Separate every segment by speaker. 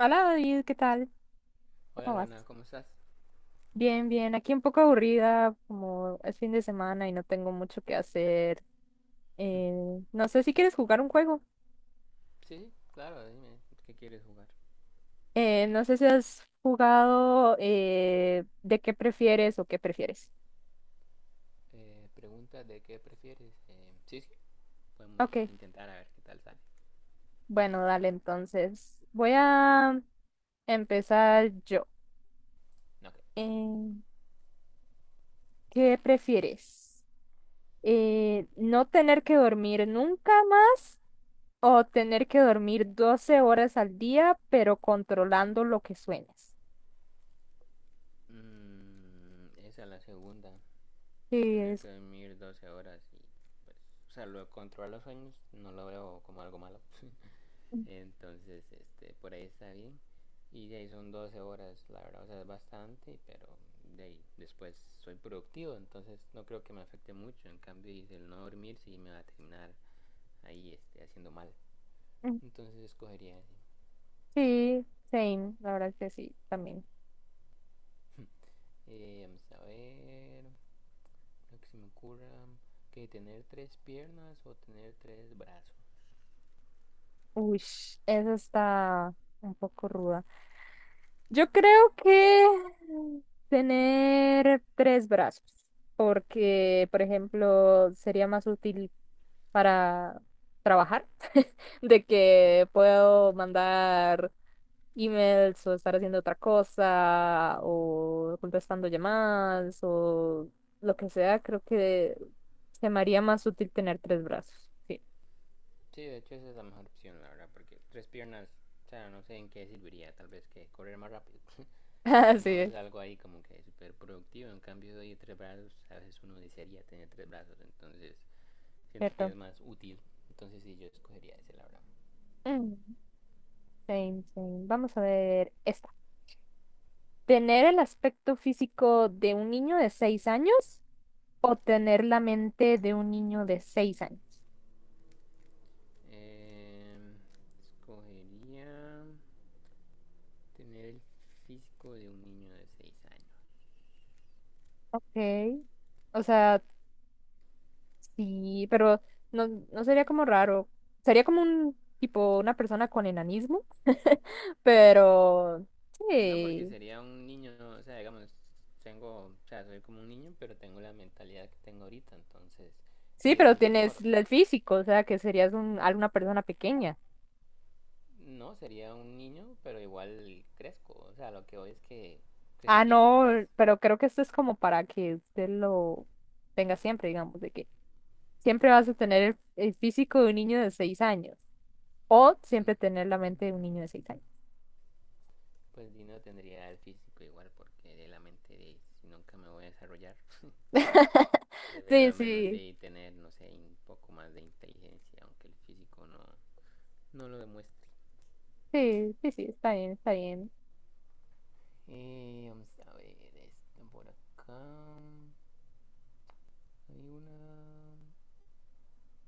Speaker 1: Hola David, ¿qué tal?
Speaker 2: Hola
Speaker 1: ¿Cómo vas?
Speaker 2: Luana, ¿cómo estás?
Speaker 1: Bien, bien. Aquí un poco aburrida, como es fin de semana y no tengo mucho que hacer. Eh, no sé si quieres jugar un juego.
Speaker 2: Sí, sí, claro, dime, ¿qué quieres jugar?
Speaker 1: No sé si has jugado de qué prefieres o qué prefieres.
Speaker 2: Pregunta de qué prefieres. Sí, sí, podemos
Speaker 1: Ok,
Speaker 2: intentar a ver qué tal sale.
Speaker 1: bueno, dale entonces. Voy a empezar yo.
Speaker 2: Ok.
Speaker 1: Eh, ¿Qué prefieres? ¿No tener que dormir nunca más? O tener que dormir 12 horas al día, pero controlando lo que sueñas.
Speaker 2: Mm, esa es la segunda.
Speaker 1: Sí,
Speaker 2: Tener
Speaker 1: es.
Speaker 2: que dormir 12 horas y pues... O sea, lo de controlar los sueños no lo veo como algo malo. Entonces, este, por ahí está bien. Y de ahí son 12 horas, la verdad, o sea, es bastante, pero de ahí después soy productivo, entonces no creo que me afecte mucho. En cambio, el no dormir sí me va a terminar ahí este, haciendo mal.
Speaker 1: Mm,
Speaker 2: Entonces escogería ese.
Speaker 1: sí, same, la verdad que sí, también.
Speaker 2: Vamos a ver, lo que se me ocurra, que tener tres piernas o tener tres brazos.
Speaker 1: Uy, esa está un poco ruda. Yo creo que tener tres brazos, porque, por ejemplo, sería más útil para trabajar, de que puedo mandar emails o estar haciendo otra cosa o contestando llamadas o lo que sea, creo que se me haría más útil tener tres brazos. Sí,
Speaker 2: Sí, de hecho esa es la mejor opción, la verdad, porque tres piernas, o sea, no sé en qué serviría, tal vez que correr más rápido, pero
Speaker 1: así
Speaker 2: no es
Speaker 1: es,
Speaker 2: algo ahí como que súper productivo. En cambio, de tres brazos, a veces uno desearía tener tres brazos, entonces siento que
Speaker 1: cierto.
Speaker 2: es más útil. Entonces sí, yo escogería ese, la verdad.
Speaker 1: Mm, same, same. Vamos a ver esta. ¿Tener el aspecto físico de un niño de 6 años o tener la mente de un niño de seis años?
Speaker 2: Eh, escogería tener el físico de un niño de 6 años.
Speaker 1: Ok. O sea, sí, pero no, no sería como raro. Sería como un tipo, una persona con enanismo. Pero
Speaker 2: No porque
Speaker 1: sí,
Speaker 2: sería un niño, o sea, digamos, tengo, o sea, soy como un niño, pero tengo la mentalidad que tengo ahorita, entonces
Speaker 1: sí,
Speaker 2: 10 es
Speaker 1: pero
Speaker 2: mucho
Speaker 1: tienes
Speaker 2: mejor.
Speaker 1: el físico, o sea, que serías alguna persona pequeña.
Speaker 2: No, sería un niño, pero igual crezco, o sea, lo que hoy es que
Speaker 1: Ah,
Speaker 2: crecería,
Speaker 1: no,
Speaker 2: ¿sabes?
Speaker 1: pero creo que esto es como para que usted lo tenga siempre, digamos, de que siempre vas a tener el físico de un niño de seis años o
Speaker 2: Mm,
Speaker 1: siempre tener la mente de un niño de seis años.
Speaker 2: pues Dino tendría el físico igual porque de la mente de si nunca me voy a desarrollar. Prefiero
Speaker 1: Sí,
Speaker 2: al menos
Speaker 1: sí,
Speaker 2: de tener, no sé, un poco más de inteligencia, aunque el físico no, no lo demuestre.
Speaker 1: sí, sí, sí, está bien, está bien.
Speaker 2: Vamos a ver esto por acá. Hay una.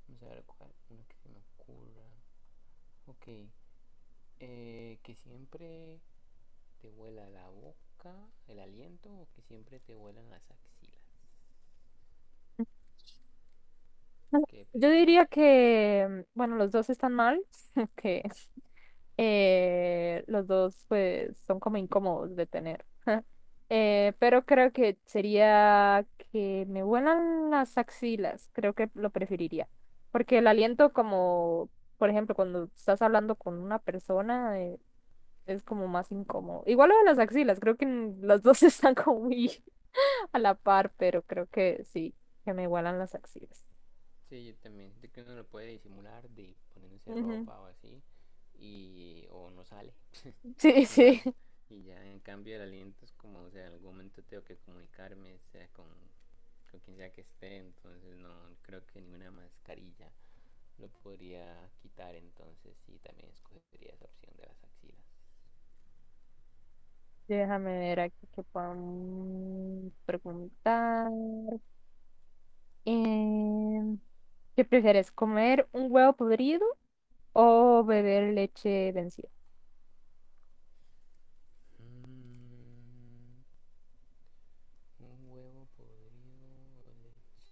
Speaker 2: Vamos a ver cuál. Una que se me ocurra. Ok. Que siempre te huela la boca, el aliento, o que siempre te huelan las axilas. ¿Qué
Speaker 1: Yo diría
Speaker 2: preferirías?
Speaker 1: que, bueno, los dos están mal, que los dos pues son como incómodos de tener. Pero creo que sería que me huelan las axilas, creo que lo preferiría. Porque el aliento como, por ejemplo, cuando estás hablando con una persona, es como más incómodo. Igual lo de las axilas, creo que las dos están como muy a la par, pero creo que sí, que me huelan las axilas.
Speaker 2: Sí, yo también. Siento que uno lo puede disimular de poniéndose ropa o así, y o no sale,
Speaker 1: Sí,
Speaker 2: no
Speaker 1: sí.
Speaker 2: salgo. Y ya en cambio el aliento es como, o sea, en algún momento tengo que comunicarme, sea con quien sea que esté, entonces no creo que ninguna mascarilla lo podría quitar, entonces sí, también escogería esa opción de las axilas.
Speaker 1: Déjame ver aquí qué podemos preguntar. Em, ¿Qué prefieres, comer un huevo podrido o beber leche vencida?
Speaker 2: Mm, un huevo podrido o leche.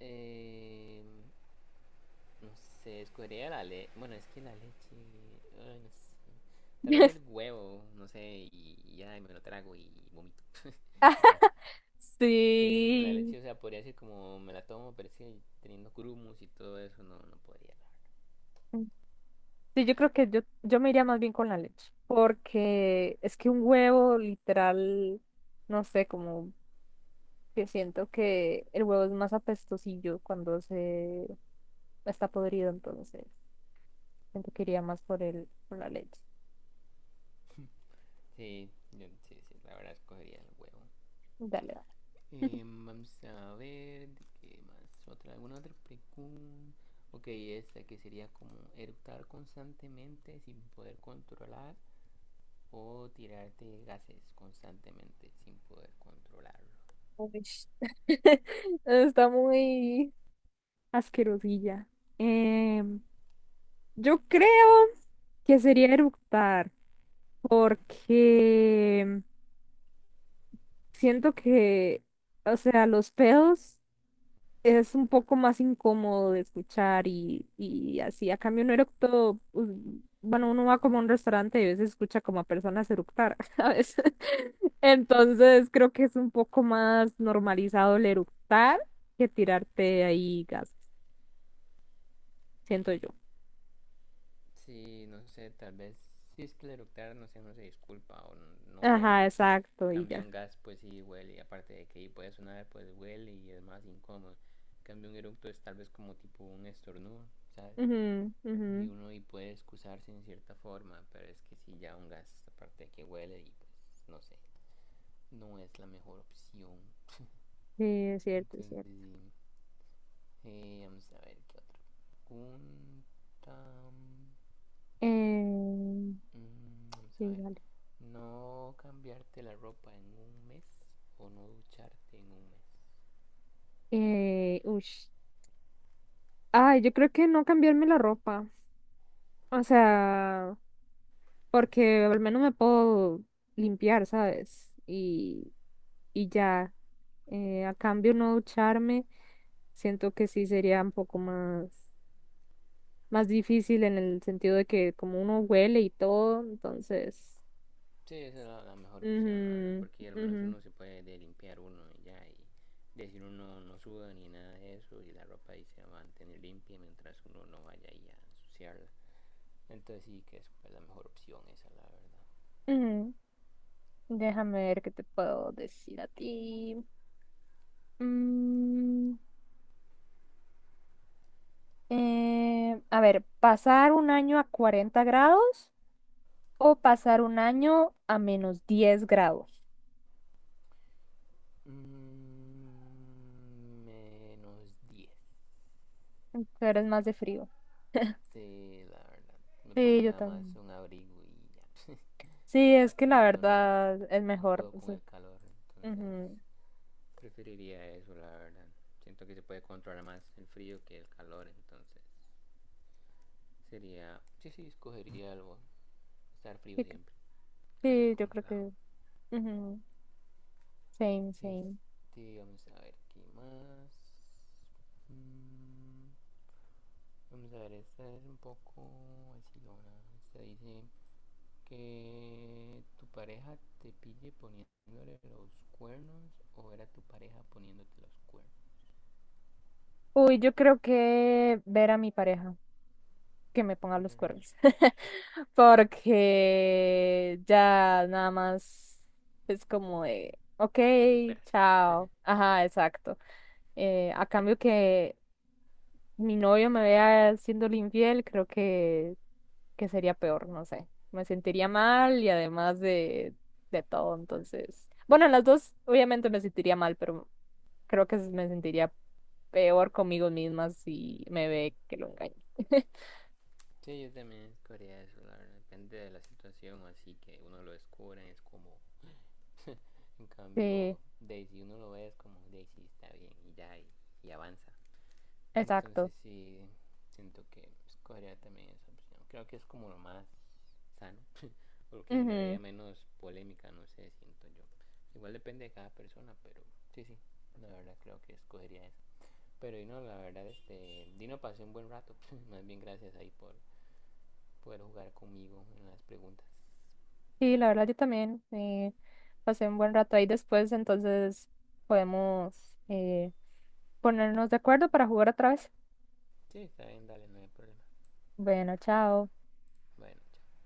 Speaker 2: Em, No sé, escogería la leche. Bueno, es que la leche. Ay, no sé. Tal vez el huevo, no sé, y ya y me lo trago y vomito. Y ya. Es que en la
Speaker 1: Sí.
Speaker 2: leche, o sea, podría ser como me la tomo, pero es que teniendo grumos y todo eso, no, no podría, la verdad.
Speaker 1: Sí, yo creo que yo me iría más bien con la leche, porque es que un huevo literal, no sé, como que siento que el huevo es más apestosillo cuando se está podrido, entonces siento que iría más por la leche.
Speaker 2: Sí, yo- sí, sí, la verdad escogería el huevo.
Speaker 1: Dale, dale.
Speaker 2: Vamos a ver, ¿de ¿qué más? ¿Otra, alguna otra pregunta? Ok, esta que sería como eructar constantemente sin poder controlar o tirarte gases constantemente sin poder controlarlo.
Speaker 1: Uy, está muy asquerosilla. Em, yo
Speaker 2: Sí,
Speaker 1: creo que sería eructar, porque siento que, o sea, los pedos. Es un poco más incómodo de escuchar y así. A cambio, un eructo, pues, bueno, uno va como a un restaurante y a veces escucha como a personas eructar, ¿sabes? Entonces, creo que es un poco más normalizado el eructar que tirarte ahí gas, siento yo.
Speaker 2: sí, no sé, tal vez si es que el eructar, no sé, no se disculpa o no, no huele.
Speaker 1: Ajá, exacto, y
Speaker 2: Cambio
Speaker 1: ya.
Speaker 2: un gas, pues sí huele, aparte de que puede sonar, pues huele y es más incómodo. Cambio un eructo es tal vez como tipo un estornudo, ¿sabes?
Speaker 1: Ujú,
Speaker 2: Y
Speaker 1: ujú.
Speaker 2: uno y puede excusarse en cierta forma, pero es que si ya un gas, aparte de que huele y pues no sé, no es la mejor opción.
Speaker 1: Sí, es cierto, es
Speaker 2: Entonces
Speaker 1: cierto.
Speaker 2: sí, vamos a ver qué otra pregunta.
Speaker 1: Eh,
Speaker 2: Mm, vamos a
Speaker 1: sí,
Speaker 2: ver.
Speaker 1: dale.
Speaker 2: No cambiarte la ropa en un mes o no ducharte en un mes.
Speaker 1: Ush. Ay, yo creo que no cambiarme la ropa. O sea, porque al menos me puedo limpiar, ¿sabes? Y ya, a cambio no ducharme, siento que sí sería un poco más difícil en el sentido de que como uno huele y todo, entonces...
Speaker 2: Sí, esa es la, la mejor opción, la verdad,
Speaker 1: Ujú,
Speaker 2: porque al menos
Speaker 1: ujú,
Speaker 2: uno se puede limpiar uno y ya, y decir uno no suda ni nada de eso, y la ropa ahí se va a mantener limpia mientras uno no vaya ahí a ensuciarla. Entonces sí que es pues, la mejor opción esa, la verdad.
Speaker 1: ujú. Déjame ver qué te puedo decir a ti. Mm, a ver, ¿pasar un año a 40 grados o pasar un año a menos 10 grados?
Speaker 2: Mm, menos diez.
Speaker 1: Tú eres más de frío.
Speaker 2: Sí, la verdad. Me
Speaker 1: Sí,
Speaker 2: pongo
Speaker 1: yo
Speaker 2: nada más
Speaker 1: también.
Speaker 2: un abrigo y ya.
Speaker 1: Sí, es que la
Speaker 2: Y yo no,
Speaker 1: verdad es
Speaker 2: no
Speaker 1: mejor.
Speaker 2: puedo con el calor, entonces
Speaker 1: Ujú.
Speaker 2: preferiría eso, la verdad. Siento que se puede controlar más el frío que el calor, entonces sería... Sí, sí, escogería algo. Estar frío
Speaker 1: Sí,
Speaker 2: siempre, casi
Speaker 1: sí, yo creo
Speaker 2: congelado.
Speaker 1: que... Ujú. Same, same.
Speaker 2: Este, vamos a ver qué más. Mm, vamos a ver, esta es un poco así, ¿no? Esta dice... Que tu pareja te pille poniéndole los cuernos o era tu pareja poniéndote los cuernos.
Speaker 1: Uy, yo creo que ver a mi pareja que me ponga los
Speaker 2: ¿Verdad?
Speaker 1: cuernos. Porque ya nada más es como de, ok,
Speaker 2: Lo superas.
Speaker 1: chao. Ajá, exacto. A cambio que mi novio me vea siendo infiel, creo que sería peor, no sé. Me sentiría mal y además de todo, entonces. Bueno, en las dos, obviamente me sentiría mal, pero creo que me sentiría peor conmigo misma si me ve que lo engaño.
Speaker 2: Sí, yo también escogería eso, la verdad. Depende de la situación, así que uno lo descubre, es como. En
Speaker 1: Sí,
Speaker 2: cambio, Daisy, uno lo ve, es como Daisy está bien y ya, y avanza.
Speaker 1: exacto.
Speaker 2: Entonces sí, siento que escogería también esa opción. Creo que es como lo más sano, o lo que
Speaker 1: Ujú.
Speaker 2: generaría menos polémica, no sé, siento yo. Igual depende de cada persona, pero sí, sí, la verdad creo que escogería esa. Pero Dino, la verdad, este, Dino pasé un buen rato, más bien gracias ahí por poder jugar conmigo en las preguntas.
Speaker 1: Sí, la verdad yo también pasé un buen rato ahí después, entonces podemos ponernos de acuerdo para jugar otra vez.
Speaker 2: Sí, está bien, dale, no hay problema.
Speaker 1: Bueno, chao.
Speaker 2: Bueno, chao.